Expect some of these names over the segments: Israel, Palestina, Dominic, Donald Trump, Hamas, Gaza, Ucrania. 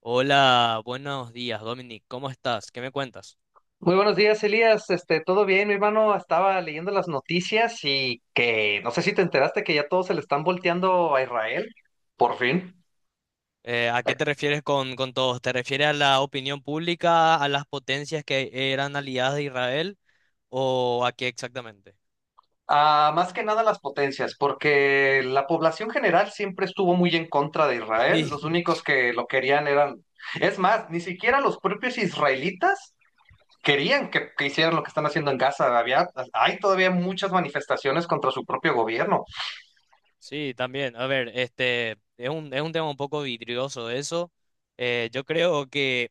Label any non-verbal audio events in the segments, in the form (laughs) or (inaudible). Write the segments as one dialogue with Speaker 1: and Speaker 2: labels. Speaker 1: Hola, buenos días, Dominic. ¿Cómo estás? ¿Qué me cuentas?
Speaker 2: Muy buenos días, Elías. ¿Todo bien? Mi hermano estaba leyendo las noticias y que no sé si te enteraste que ya todos se le están volteando a Israel, por fin.
Speaker 1: ¿A qué te refieres con todos? ¿Te refieres a la opinión pública, a las potencias que eran aliadas de Israel o a qué exactamente?
Speaker 2: Ah, más que nada las potencias, porque la población general siempre estuvo muy en contra de Israel.
Speaker 1: Sí,
Speaker 2: Los
Speaker 1: (laughs)
Speaker 2: únicos que lo querían eran, es más, ni siquiera los propios israelitas querían que hicieran lo que están haciendo en Gaza. Hay todavía muchas manifestaciones contra su propio gobierno.
Speaker 1: sí, también. A ver, es un tema un poco vidrioso eso. Yo creo que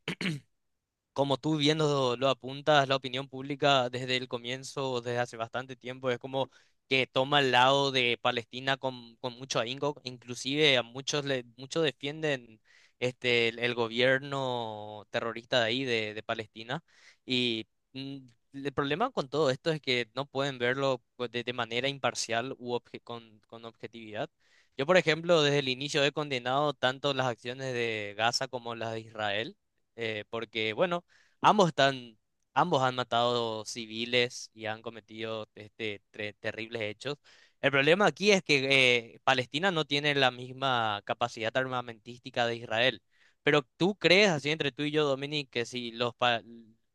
Speaker 1: como tú viendo lo apuntas, la opinión pública desde el comienzo, desde hace bastante tiempo, es como que toma el lado de Palestina con mucho ahínco, inclusive a muchos defienden el gobierno terrorista de ahí de Palestina y mm, el problema con todo esto es que no pueden verlo pues, de manera imparcial con objetividad. Yo, por ejemplo, desde el inicio he condenado tanto las acciones de Gaza como las de Israel porque, bueno, Ambos están, ambos han matado civiles y han cometido terribles hechos. El problema aquí es que Palestina no tiene la misma capacidad armamentística de Israel. Pero ¿tú crees, así entre tú y yo, Dominic, que si los pa-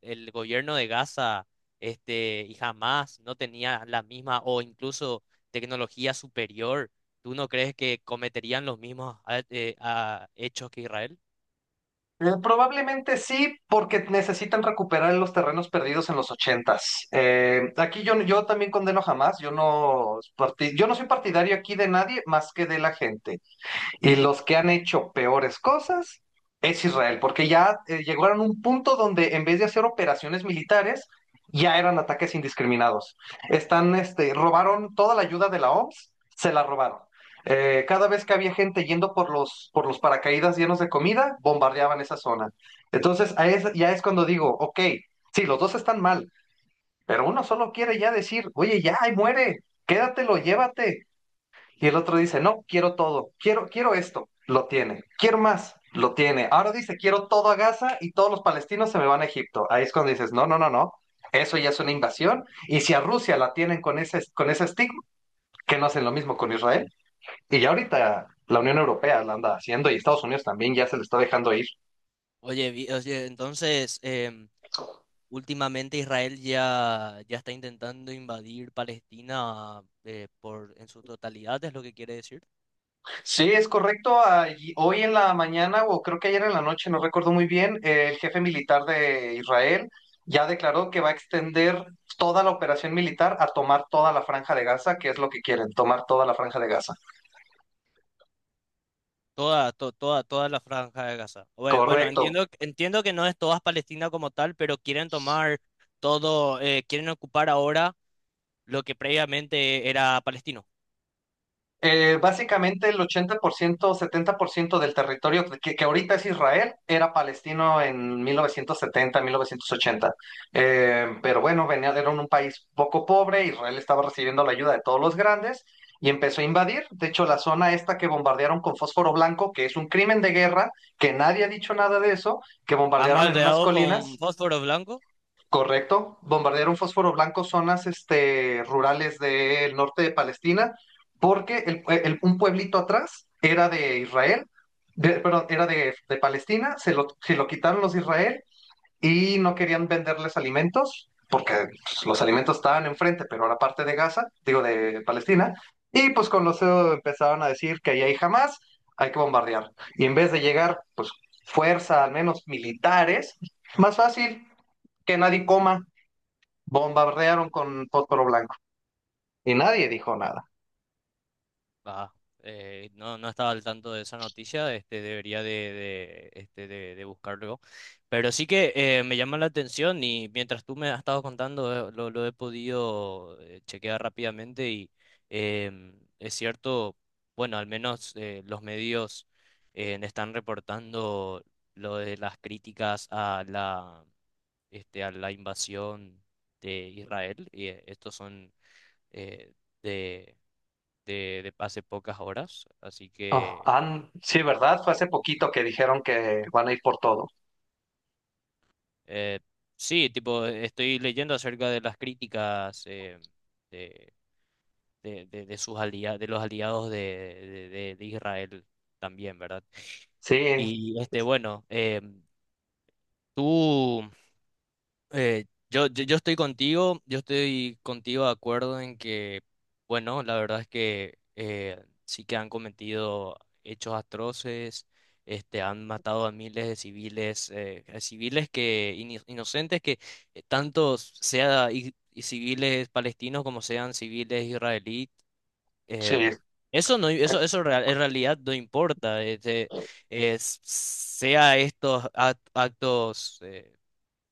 Speaker 1: el gobierno de Gaza y Hamas no tenía la misma o incluso tecnología superior, ¿tú no crees que cometerían los mismos hechos que Israel?
Speaker 2: Probablemente sí, porque necesitan recuperar los terrenos perdidos en los ochentas. Aquí yo también condeno jamás, yo no soy partidario aquí de nadie más que de la gente. Y
Speaker 1: Ujú.
Speaker 2: los que han hecho peores cosas es Israel, porque ya llegaron a un punto donde en vez de hacer operaciones militares, ya eran ataques indiscriminados. Robaron toda la ayuda de la OMS, se la robaron. Cada vez que había gente yendo por los paracaídas llenos de comida, bombardeaban esa zona. Entonces, ya es cuando digo, ok, sí, los dos están mal, pero uno solo quiere ya decir, oye, ya, ahí muere, quédatelo, llévate. Y el otro dice, no, quiero todo, quiero, quiero esto, lo tiene, quiero más, lo tiene. Ahora dice, quiero todo a Gaza y todos los palestinos se me van a Egipto. Ahí es cuando dices, no, no, no, no, eso ya es una invasión. Y si a Rusia la tienen con ese estigma, que no hacen lo mismo con Israel. Y ya ahorita la Unión Europea la anda haciendo y Estados Unidos también ya se le está dejando ir.
Speaker 1: Oye, entonces, últimamente Israel ya está intentando invadir Palestina en su totalidad, es lo que quiere decir.
Speaker 2: Sí, es correcto. Hoy en la mañana, o creo que ayer en la noche, no recuerdo muy bien, el jefe militar de Israel ya declaró que va a extender toda la operación militar a tomar toda la franja de Gaza, que es lo que quieren, tomar toda la franja de Gaza.
Speaker 1: Toda la franja de Gaza. Bueno,
Speaker 2: Correcto.
Speaker 1: entiendo que no es toda Palestina como tal, pero quieren tomar todo, quieren ocupar ahora lo que previamente era palestino.
Speaker 2: Básicamente el 80%, 70% del territorio que ahorita es Israel era palestino en 1970, 1980. Pero bueno, venía, era un país poco pobre, Israel estaba recibiendo la ayuda de todos los grandes y empezó a invadir. De hecho, la zona esta que bombardearon con fósforo blanco, que es un crimen de guerra, que nadie ha dicho nada de eso, que
Speaker 1: Han
Speaker 2: bombardearon en unas
Speaker 1: rodeado con
Speaker 2: colinas,
Speaker 1: fósforo blanco.
Speaker 2: correcto. Bombardearon fósforo blanco zonas rurales del norte de Palestina, porque un pueblito atrás era de Israel, perdón, era de Palestina, se lo quitaron los de Israel y no querían venderles alimentos, porque pues, los alimentos estaban enfrente, pero era parte de Gaza, digo de Palestina, y pues con los empezaron a decir que ahí hay jamás, hay que bombardear. Y en vez de llegar, pues fuerza, al menos militares, más fácil que nadie coma. Bombardearon con fósforo blanco y nadie dijo nada.
Speaker 1: Ah, no estaba al tanto de esa noticia, este, debería de, este, de buscarlo. Pero sí que me llama la atención y mientras tú me has estado contando, lo he podido chequear rápidamente y es cierto, bueno, al menos los medios están reportando lo de las críticas a a la invasión de Israel y estos son... eh, de de hace pocas horas. Así
Speaker 2: Oh,
Speaker 1: que
Speaker 2: sí, ¿verdad? Fue hace poquito que dijeron que van a ir por todo.
Speaker 1: eh, sí, tipo, estoy leyendo acerca de las críticas de, de sus de los aliados de Israel también, ¿verdad?
Speaker 2: Sí,
Speaker 1: Y este, bueno, em, tú. Eh, yo estoy contigo de acuerdo en que, bueno, la verdad es que sí que han cometido hechos atroces, este, han matado a miles de civiles, a civiles que inocentes que tanto sea y civiles palestinos como sean civiles israelíes,
Speaker 2: sí.
Speaker 1: em, eso en realidad no importa, este, sea estos actos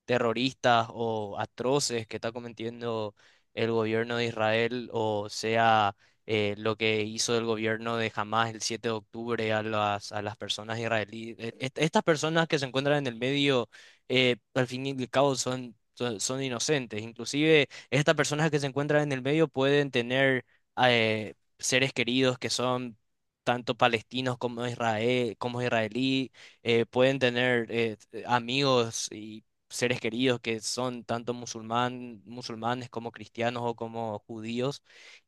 Speaker 1: terroristas o atroces que está cometiendo el gobierno de Israel, o sea, lo que hizo el gobierno de Hamas el 7 de octubre a a las personas israelíes. Estas personas que se encuentran en el medio, al fin y al cabo, son inocentes. Inclusive, estas personas que se encuentran en el medio pueden tener seres queridos que son... tanto palestinos como como israelí, pueden tener amigos y seres queridos que son tanto musulmanes como cristianos o como judíos.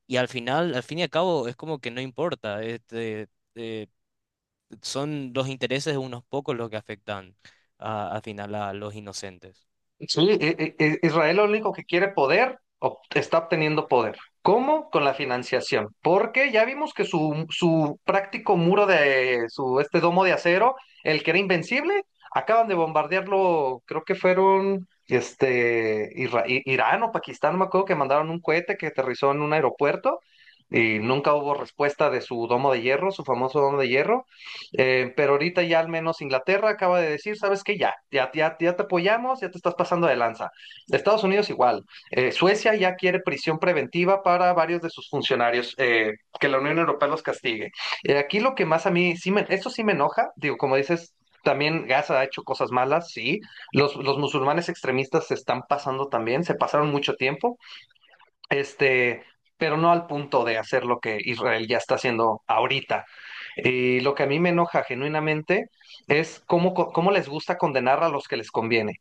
Speaker 1: Y al final, al fin y al cabo, es como que no importa. Este, eh, son los intereses de unos pocos los que afectan al final a los inocentes.
Speaker 2: Sí, Israel lo único que quiere poder, está obteniendo poder. ¿Cómo? Con la financiación. Porque ya vimos que su práctico muro de su domo de acero, el que era invencible, acaban de bombardearlo, creo que fueron Irán o Pakistán, no me acuerdo que mandaron un cohete que aterrizó en un aeropuerto y nunca hubo respuesta de su domo de hierro, su famoso domo de hierro. Pero ahorita ya al menos Inglaterra acaba de decir, ¿sabes qué? Ya, ya, ya, ya te apoyamos, ya te estás pasando de lanza. Estados Unidos igual. Suecia ya quiere prisión preventiva para varios de sus funcionarios, que la Unión Europea los castigue. Aquí lo que más a mí, sí me, esto sí me enoja, digo, como dices, también Gaza ha hecho cosas malas, sí. Los musulmanes extremistas se están pasando también, se pasaron mucho tiempo, este, pero no al punto de hacer lo que Israel ya está haciendo ahorita. Y lo que a mí me enoja genuinamente es cómo, cómo les gusta condenar a los que les conviene.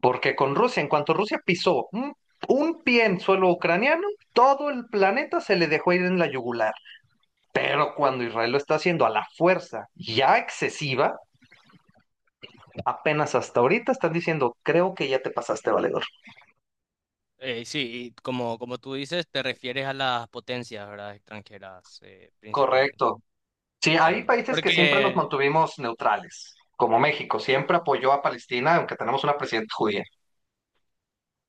Speaker 2: Porque con Rusia, en cuanto Rusia pisó un pie en suelo ucraniano, todo el planeta se le dejó ir en la yugular. Pero cuando Israel lo está haciendo a la fuerza ya excesiva, apenas hasta ahorita están diciendo, creo que ya te pasaste, valedor.
Speaker 1: Sí, y como, como tú dices, te refieres a las potencias, ¿verdad? Extranjeras, principalmente.
Speaker 2: Correcto. Sí, hay
Speaker 1: Claro.
Speaker 2: países que siempre nos
Speaker 1: Porque
Speaker 2: mantuvimos neutrales, como México, siempre apoyó a Palestina, aunque tenemos una presidenta judía.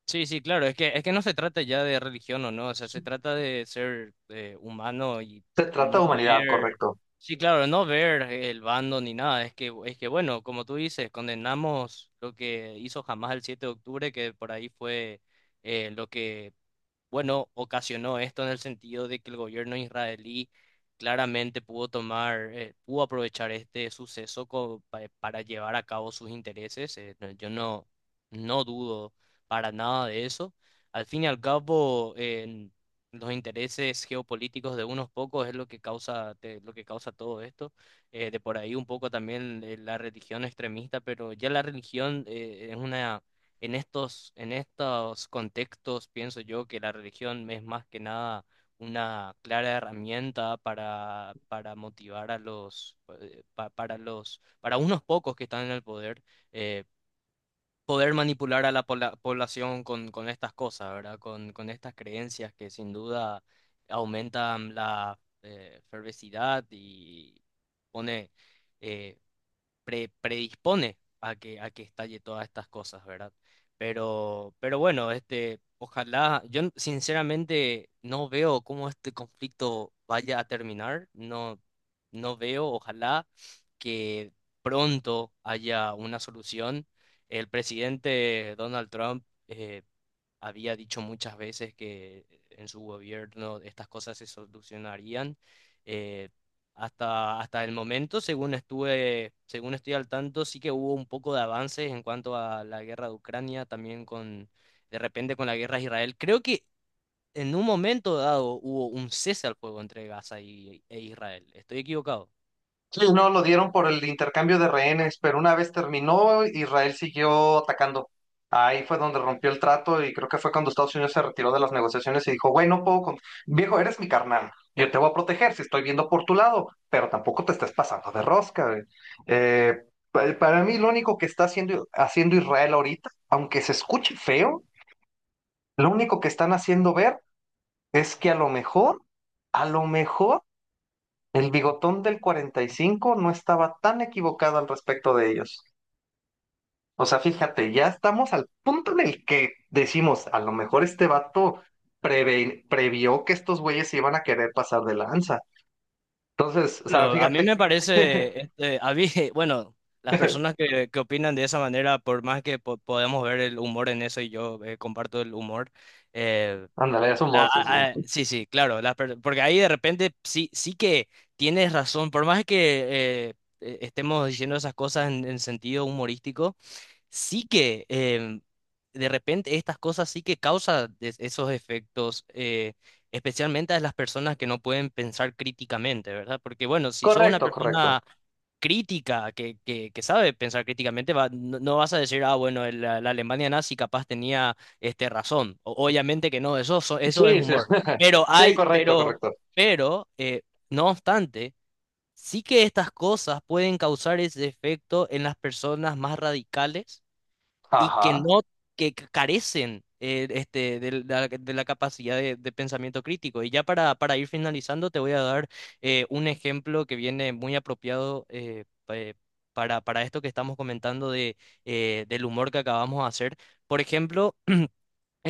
Speaker 1: sí, sí, claro, es que no se trata ya de religión o no, o sea, se trata de ser humano y
Speaker 2: Se trata
Speaker 1: no
Speaker 2: de humanidad,
Speaker 1: ver,
Speaker 2: correcto.
Speaker 1: sí, claro, no ver el bando ni nada, es que bueno, como tú dices, condenamos lo que hizo jamás el 7 de octubre, que por ahí fue lo que bueno, ocasionó esto en el sentido de que el gobierno israelí claramente pudo aprovechar este suceso para llevar a cabo sus intereses. No- yo no, No dudo para nada de eso. Al fin y al cabo, en los intereses geopolíticos de unos pocos es lo que lo que causa todo esto. De por ahí un poco también la religión extremista, pero ya la religión es una en estos contextos pienso yo que la religión es más que nada una clara herramienta para motivar a para para unos pocos que están en el poder, eh, poder manipular a la población con estas cosas, ¿verdad? Con estas creencias que sin duda aumentan la fervesidad y pone eh, predispone a que estalle todas estas cosas, ¿verdad? Pero bueno, este, ojalá, sinceramente no veo cómo este conflicto vaya a terminar, no, no veo, ojalá que pronto haya una solución. El presidente Donald Trump había dicho muchas veces que en su gobierno estas cosas se solucionarían. eh, Hasta el momento, según estoy al tanto, sí que hubo un poco de avances en cuanto a la guerra de Ucrania, de repente con la guerra de Israel. Creo que en un momento dado hubo un cese al fuego entre e Israel. ¿Estoy equivocado?
Speaker 2: Sí, no, lo dieron por el intercambio de rehenes, pero una vez terminó, Israel siguió atacando. Ahí fue donde rompió el trato y creo que fue cuando Estados Unidos se retiró de las negociaciones y dijo, güey, no puedo, viejo, eres mi carnal, yo te voy a proteger si estoy viendo por tu lado, pero tampoco te estés pasando de rosca, güey". Eh, para mí lo único que está haciendo Israel ahorita, aunque se escuche feo, lo único que están haciendo ver es que a lo mejor el bigotón del 45 no estaba tan equivocado al respecto de ellos. O sea, fíjate, ya estamos al punto en el que decimos, a lo mejor este vato previó que estos güeyes se iban a querer pasar de lanza. Entonces, o sea,
Speaker 1: Bueno, a mí
Speaker 2: fíjate.
Speaker 1: me parece, este, a mí, (laughs) bueno, las personas
Speaker 2: (laughs)
Speaker 1: que opinan de esa manera, por más que podamos ver el humor en eso y yo comparto el humor, eh,
Speaker 2: Ándale, es humor, sí, sí.
Speaker 1: sí, sí, claro, porque ahí de repente sí, sí que tienes razón, por más que estemos diciendo esas cosas en sentido humorístico, sí que em, de repente estas cosas sí que causan esos efectos, especialmente a las personas que no pueden pensar críticamente, ¿verdad? Porque bueno, si sos una
Speaker 2: Correcto, correcto.
Speaker 1: persona crítica, que sabe pensar críticamente, no, no vas a decir, ah, bueno, la Alemania nazi capaz tenía este, razón. Obviamente que no, eso es
Speaker 2: Sí, sí.
Speaker 1: humor.
Speaker 2: (laughs)
Speaker 1: Pero
Speaker 2: Sí,
Speaker 1: hay,
Speaker 2: correcto, correcto.
Speaker 1: pero, no obstante, sí que estas cosas pueden causar ese efecto en las personas más radicales y que
Speaker 2: Ajá.
Speaker 1: no, que carecen de la capacidad de pensamiento crítico. Y ya para ir finalizando, te voy a dar un ejemplo que viene muy apropiado para esto que estamos comentando de, del humor que acabamos de hacer. Por ejemplo, (clears throat)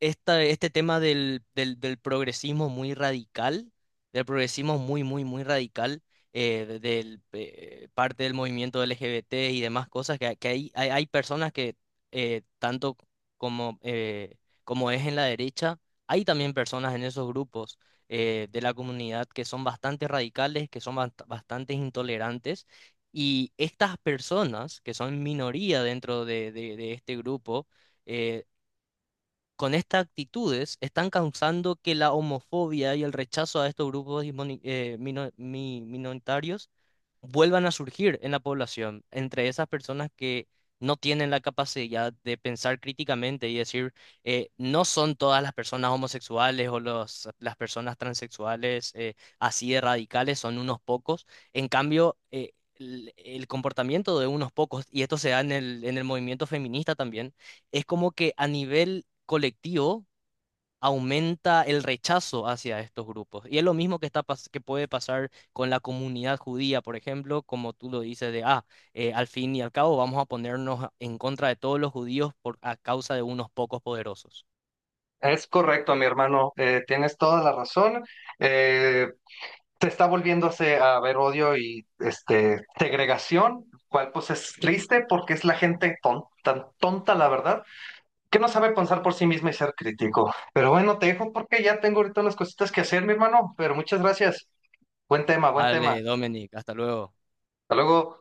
Speaker 1: este tema del progresismo muy radical, del progresismo muy radical, del parte del movimiento LGBT y demás cosas, hay personas que tanto como, como es en la derecha, hay también personas en esos grupos de la comunidad que son bastante radicales, que son bastante intolerantes. Y estas personas, que son minoría dentro de este grupo, eh, con estas actitudes están causando que la homofobia y el rechazo a estos grupos minoritarios vuelvan a surgir en la población, entre esas personas que no tienen la capacidad de pensar críticamente y decir, no son todas las personas homosexuales o las personas transexuales así de radicales, son unos pocos. En cambio, el comportamiento de unos pocos, y esto se da en el movimiento feminista también, es como que a nivel colectivo aumenta el rechazo hacia estos grupos. Y es lo mismo que, que puede pasar con la comunidad judía, por ejemplo, como tú lo dices de, ah, al fin y al cabo vamos a ponernos en contra de todos los judíos por, a causa de unos pocos poderosos.
Speaker 2: Es correcto, mi hermano. Tienes toda la razón. Eh, Se está volviéndose a ver odio y segregación, cual pues es triste porque es la gente tan tonta, la verdad, que no sabe pensar por sí misma y ser crítico. Pero bueno, te dejo porque ya tengo ahorita unas cositas que hacer, mi hermano, pero muchas gracias. Buen tema, buen tema.
Speaker 1: Vale, Dominic, hasta luego.
Speaker 2: Hasta luego.